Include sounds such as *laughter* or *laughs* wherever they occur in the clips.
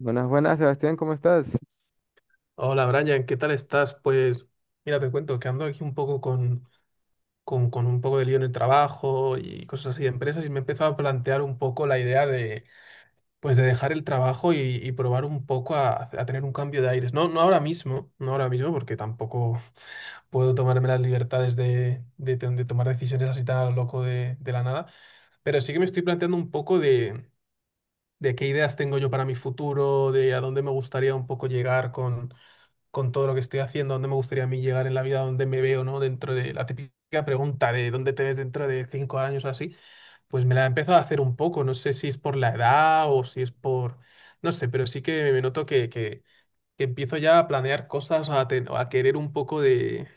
Buenas, buenas, Sebastián, ¿cómo estás? Hola Brian, ¿qué tal estás? Pues mira, te cuento que ando aquí un poco con un poco de lío en el trabajo y cosas así de empresas y me he empezado a plantear un poco la idea pues, de dejar el trabajo y probar un poco a tener un cambio de aires. No, no ahora mismo, no ahora mismo porque tampoco *laughs* puedo tomarme las libertades de tomar decisiones así tan a lo loco de la nada, pero sí que me estoy planteando un poco de qué ideas tengo yo para mi futuro, de a dónde me gustaría un poco llegar con todo lo que estoy haciendo, dónde me gustaría a mí llegar en la vida, dónde me veo, ¿no? Dentro de la típica pregunta de dónde te ves dentro de 5 años o así, pues me la he empezado a hacer un poco. No sé si es por la edad o si es por, no sé, pero sí que me noto que empiezo ya a planear cosas, a querer un poco de,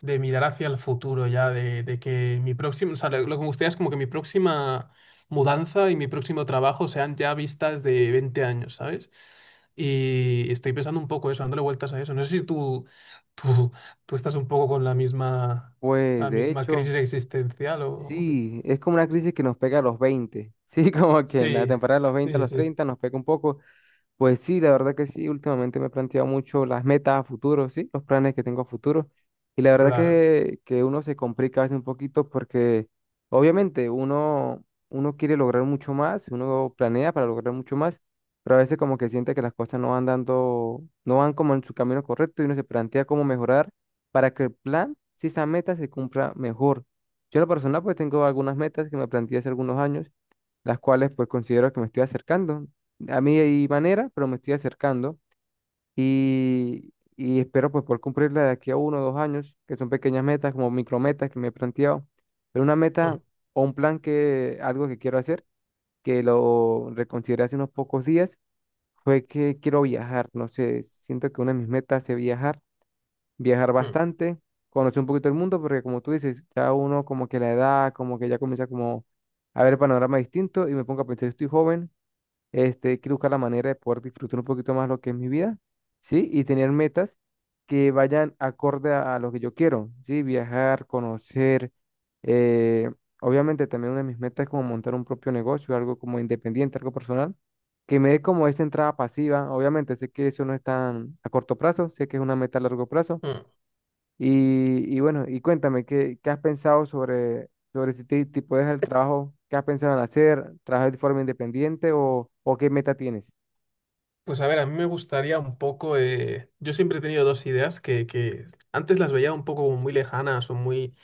de mirar hacia el futuro ya, de que mi próximo, o sea, lo que me gustaría es como que mi próxima mudanza y mi próximo trabajo sean ya vistas de 20 años, ¿sabes? Y estoy pensando un poco eso, dándole vueltas a eso. No sé si tú, tú estás un poco con la misma, Pues la de misma hecho, crisis existencial. O... sí, es como una crisis que nos pega a los 20 sí, *laughs* como que en la Sí, temporada de los 20 a sí, los sí, 30 nos pega un poco. Pues sí, la verdad que sí, últimamente me he planteado mucho las metas a futuro, sí, los planes que tengo a futuro. Y la verdad claro. que uno se complica a veces un poquito porque obviamente uno quiere lograr mucho más, uno planea para lograr mucho más, pero a veces como que siente que las cosas no van dando, no van como en su camino correcto y uno se plantea cómo mejorar para que el plan, si esa meta se cumpla mejor. Yo en lo personal pues tengo algunas metas que me planteé hace algunos años, las cuales pues considero que me estoy acercando. A mí hay manera, pero me estoy acercando y espero pues poder cumplirla de aquí a uno o dos años, que son pequeñas metas, como micrometas que me he planteado, pero una Mm, meta o un plan que, algo que quiero hacer, que lo reconsideré hace unos pocos días, fue que quiero viajar, no sé, siento que una de mis metas es viajar, viajar mm, bastante, conocer un poquito el mundo, porque como tú dices, ya uno como que la edad, como que ya comienza como a ver el panorama distinto y me pongo a pensar, estoy joven, este, quiero buscar la manera de poder disfrutar un poquito más lo que es mi vida, ¿sí? Y tener metas que vayan acorde a lo que yo quiero, ¿sí? Viajar, conocer. eh, Obviamente también una de mis metas es como montar un propio negocio, algo como independiente, algo personal, que me dé como esa entrada pasiva. Obviamente sé que eso no es tan a corto plazo, sé que es una meta a largo plazo, mm. y, y bueno, y cuéntame, ¿qué has pensado sobre si te puedes dejar el trabajo? ¿Qué has pensado en hacer? ¿Trabajar de forma independiente o qué meta tienes? Pues a ver, a mí me gustaría un poco. Yo siempre he tenido dos ideas que antes las veía un poco como muy lejanas o muy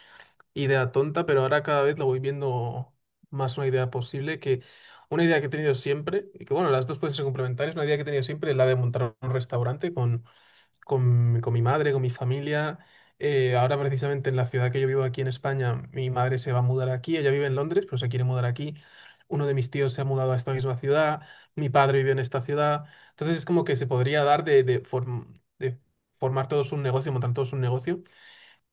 idea tonta, pero ahora cada vez lo voy viendo más una idea posible que una idea que he tenido siempre, y que bueno, las dos pueden ser complementarias, una idea que he tenido siempre es la de montar un restaurante con mi madre, con mi familia. Ahora precisamente en la ciudad que yo vivo aquí en España, mi madre se va a mudar aquí, ella vive en Londres, pero se quiere mudar aquí. Uno de mis tíos se ha mudado a esta misma ciudad, mi padre vive en esta ciudad. Entonces es como que se podría dar de formar todos un negocio, montar todos un negocio.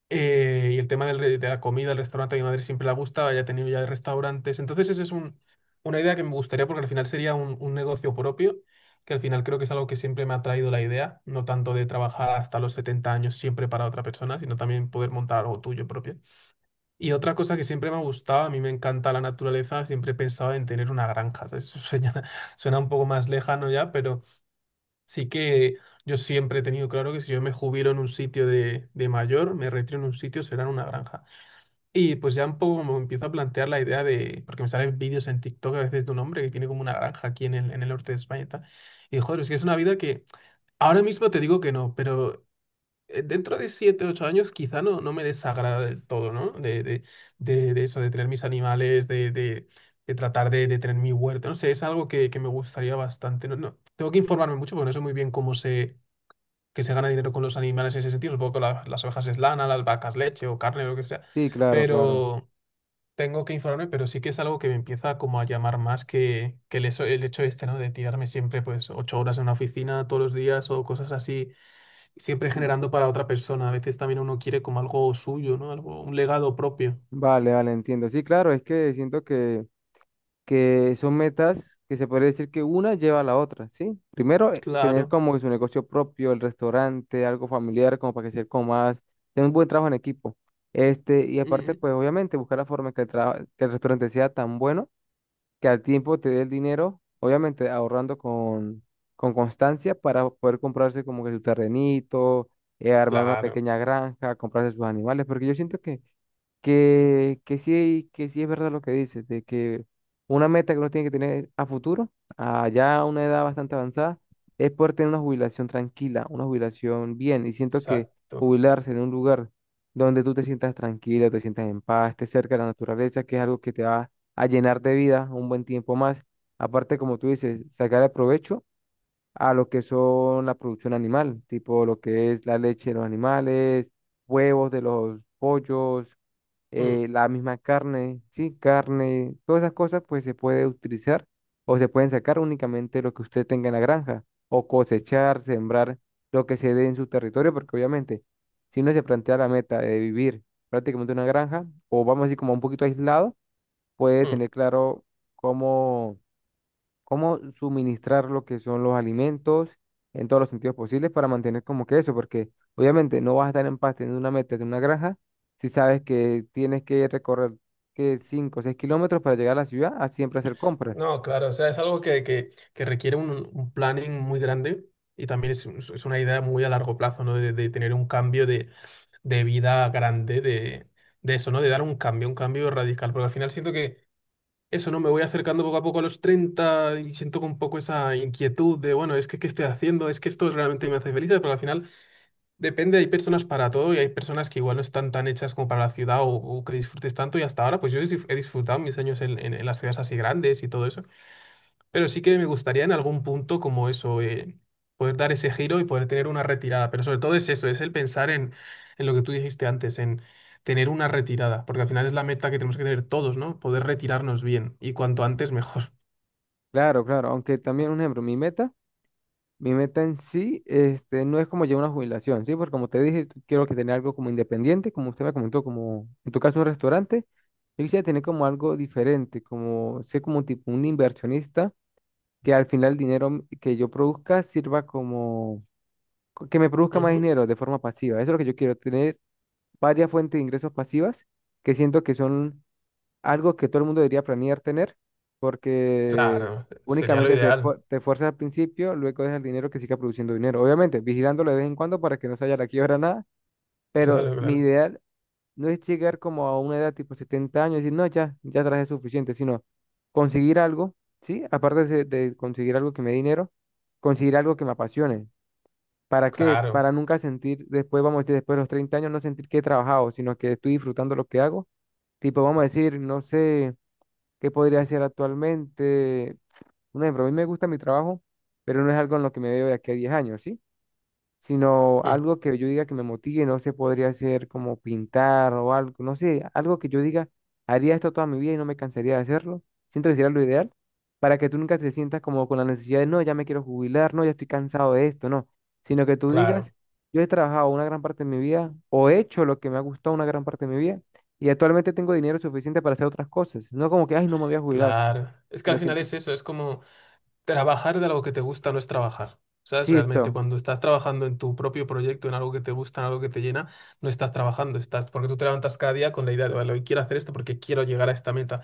Y el tema de la comida, el restaurante, a mi madre siempre le gusta, ella ha tenido ya restaurantes. Entonces, esa es una idea que me gustaría porque al final sería un negocio propio, que al final creo que es algo que siempre me ha traído la idea, no tanto de trabajar hasta los 70 años siempre para otra persona, sino también poder montar algo tuyo propio. Y otra cosa que siempre me ha gustado, a mí me encanta la naturaleza, siempre he pensado en tener una granja, ¿sabes? *laughs* Suena, suena un poco más lejano ya. Sí que yo siempre he tenido claro que si yo me jubilo en un sitio de mayor, me retiro en un sitio, será en una granja. Y pues ya un poco me empiezo a plantear la idea, de, porque me salen vídeos en TikTok a veces de un hombre que tiene como una granja aquí en el norte de España y tal. Y joder, es que es una vida que ahora mismo te digo que no, pero dentro de 7 8 años quizá no, no me desagrada del todo, ¿no? De eso, de tener mis animales, de tratar de tener mi huerto. No sé, es algo que me gustaría bastante. No, no, tengo que informarme mucho porque no sé muy bien cómo que se gana dinero con los animales en ese sentido. Supongo que las ovejas es lana, las vacas leche o carne o lo que sea. Sí, claro, claro. Pero tengo que informarme, pero sí que es algo que me empieza como a llamar más que el hecho este, ¿no? De tirarme siempre pues 8 horas en una oficina todos los días o cosas así, siempre Mm. generando para otra persona. A veces también uno quiere como algo suyo, ¿no? Algo, un legado propio. Vale, vale, entiendo. Sí, claro, es que siento que son metas que se podría decir que una lleva a la otra, ¿sí? Primero, tener Claro. como que su negocio propio, el restaurante, algo familiar, como para que sea como más, tener un buen trabajo en equipo. Este, y aparte, Mm, pues obviamente, buscar la forma en que que el restaurante sea tan bueno que al tiempo te dé el dinero, obviamente ahorrando con constancia para poder comprarse como que su terrenito, armar una claro. pequeña granja, comprarse sus animales, porque yo siento que sí es verdad lo que dices, de que una meta que uno tiene que tener a futuro, a ya una edad bastante avanzada, es poder tener una jubilación tranquila, una jubilación bien. Y siento que Exacto. jubilarse en un lugar donde tú te sientas tranquilo, te sientas en paz, estés cerca de la naturaleza, que es algo que te va a llenar de vida un buen tiempo más. Aparte, como tú dices, sacar el provecho a lo que son la producción animal, tipo lo que es la leche de los animales, huevos de los pollos, Mm, la misma carne, sí, carne, todas esas cosas pues se puede utilizar o se pueden sacar únicamente lo que usted tenga en la granja o cosechar, sembrar lo que se dé en su territorio, porque obviamente si uno se plantea la meta de vivir prácticamente en una granja o vamos así como un poquito aislado, puede mm. tener claro cómo cómo suministrar lo que son los alimentos en todos los sentidos posibles para mantener como que eso, porque obviamente no vas a estar en paz teniendo una meta de una granja si sabes que tienes que recorrer que 5 o 6 kilómetros para llegar a la ciudad a siempre hacer compras. No, claro, o sea, es algo que requiere un planning muy grande y también es una idea muy a largo plazo, ¿no? De tener un cambio de vida grande, de eso, ¿no? De dar un cambio radical, porque al final siento que eso, ¿no? Me voy acercando poco a poco a los 30 y siento un poco esa inquietud de, bueno, es que qué estoy haciendo, es que esto realmente me hace feliz, pero al final depende, hay personas para todo y hay personas que igual no están tan hechas como para la ciudad o que disfrutes tanto y hasta ahora, pues yo he disfrutado mis años en las ciudades así grandes y todo eso. Pero sí que me gustaría en algún punto como eso, poder dar ese giro y poder tener una retirada. Pero sobre todo es eso, es el pensar en lo que tú dijiste antes, en tener una retirada, porque al final es la meta que tenemos que tener todos, ¿no? Poder retirarnos bien y cuanto antes mejor. Claro, claro, aunque también un ejemplo, mi meta en sí, este, no es como llevar una jubilación, ¿sí? Porque como te dije, tú quiero que tener algo como independiente, como usted me comentó, como en tu caso un restaurante, yo quisiera tener como algo diferente, como ser como tipo un inversionista que al final el dinero que yo produzca sirva como, que me produzca más Ujú. dinero de forma pasiva. Eso es lo que yo quiero, tener varias fuentes de ingresos pasivas que siento que son algo que todo el mundo debería planear tener, porque Claro, sería lo únicamente te, ideal. esfuer- te esfuerzas al principio, luego dejas el dinero que siga produciendo dinero. Obviamente, vigilándolo de vez en cuando para que no se haya la quiebra nada, pero Claro, mi claro, ideal no es llegar como a una edad tipo 70 años y decir, no, ya, ya traje suficiente, sino conseguir algo, ¿sí? Aparte de conseguir algo que me dé dinero, conseguir algo que me apasione. ¿Para qué? claro, Para nunca sentir, después, vamos a decir, después de los 30 años, no sentir que he trabajado, sino que estoy disfrutando lo que hago. Tipo, vamos a decir, no sé qué podría hacer actualmente. Un ejemplo, a mí me gusta mi trabajo, pero no es algo en lo que me veo de aquí a 10 años, ¿sí? Sino mm, algo que yo diga que me motive, no sé, podría ser como pintar o algo, no sé, algo que yo diga, haría esto toda mi vida y no me cansaría de hacerlo. Siento que sería lo ideal para que tú nunca te sientas como con la necesidad de, no, ya me quiero jubilar, no, ya estoy cansado de esto, no, sino que tú digas, claro, yo he trabajado una gran parte de mi vida o he hecho lo que me ha gustado una gran parte de mi vida y actualmente tengo dinero suficiente para hacer otras cosas, no como que, ay, no me voy a jubilar. claro. Es que al No final tengo... es eso, es como. Trabajar de algo que te gusta no es trabajar. ¿Sabes? Sí, Realmente eso, cuando estás trabajando en tu propio proyecto, en algo que te gusta, en algo que te llena, no estás trabajando, estás porque tú te levantas cada día con la idea de, vale, hoy quiero hacer esto porque quiero llegar a esta meta.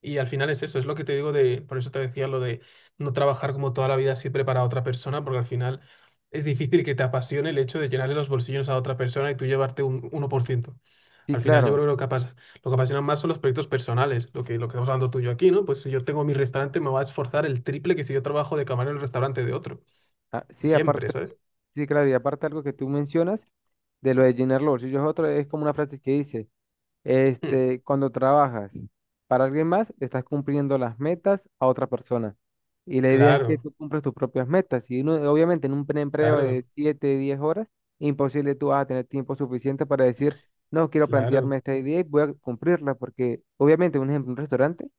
Y al final es eso, es lo que te digo de, por eso te decía lo de no trabajar como toda la vida siempre para otra persona, porque al final es difícil que te apasione el hecho de llenarle los bolsillos a otra persona y tú llevarte un 1%. sí, Al final yo claro. creo que lo que apasiona más son los proyectos personales, lo que estamos hablando tú y yo aquí, ¿no? Pues si yo tengo mi restaurante me va a esforzar el triple que si yo trabajo de camarero en el restaurante de otro. Ah, sí, Siempre, aparte, ¿sabes? sí, claro, y aparte algo que tú mencionas, de lo de llenar los bolsillos es otro, es como una frase que dice, Mm, este, cuando trabajas para alguien más, estás cumpliendo las metas a otra persona. Y la idea es que claro, tú cumples tus propias metas. Y uno, obviamente en un empleo de claro, 7 10 horas, imposible tú vas a tener tiempo suficiente para decir, no, quiero plantearme claro. esta idea y voy a cumplirla, porque obviamente, un ejemplo, un restaurante,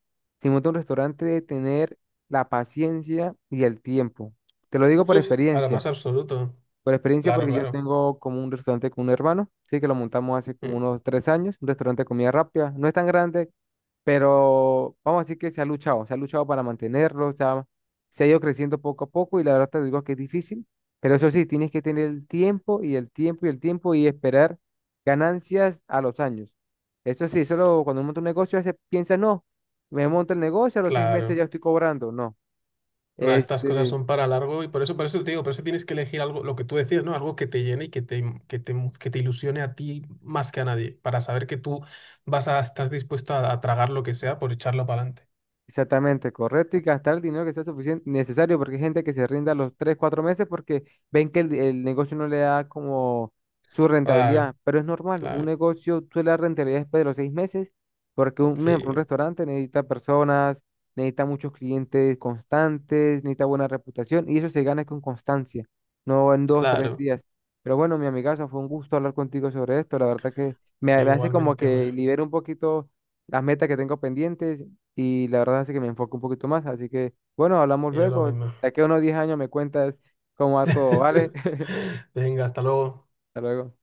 si monta un restaurante, debe tener la paciencia y el tiempo. Te lo digo por Uf, claro, experiencia. más absoluto. Por experiencia, Claro, porque yo claro. tengo como un restaurante con un hermano, sí, que lo montamos hace como Mm, unos 3 años, un restaurante de comida rápida. No es tan grande, pero vamos a decir que se ha luchado para mantenerlo, se ha ido creciendo poco a poco y la verdad te digo que es difícil, pero eso sí, tienes que tener el tiempo y el tiempo y el tiempo y esperar ganancias a los años. Eso sí, solo cuando uno monta un negocio, a veces piensa, no, me monto el negocio, a los 6 meses ya claro. estoy cobrando, no. Nada, estas cosas Este, son para largo y por eso, te digo, por eso tienes que elegir algo, lo que tú decías, ¿no? Algo que te llene y que te ilusione a ti más que a nadie, para saber que tú estás dispuesto a tragar lo que sea por echarlo para adelante. exactamente, correcto, y gastar el dinero que sea suficiente, necesario, porque hay gente que se rinda a los 3 o 4 meses porque ven que el negocio no le da como su rentabilidad, pero es normal, un Claro, negocio suele dar rentabilidad después de los 6 meses, porque un sí, ejemplo, un restaurante necesita personas, necesita muchos clientes constantes, necesita buena reputación, y eso se gana con constancia, no en dos tres claro. días. Pero bueno, mi amigazo, fue un gusto hablar contigo sobre esto, la verdad que me hace como Igualmente, hombre. que libero un poquito las metas que tengo pendientes y la verdad hace que me enfoque un poquito más. Así que, bueno, hablamos Y yo lo luego. De mismo. aquí a unos 10 años me cuentas cómo va todo, ¿vale? *laughs* *laughs* Venga, hasta luego. Hasta luego.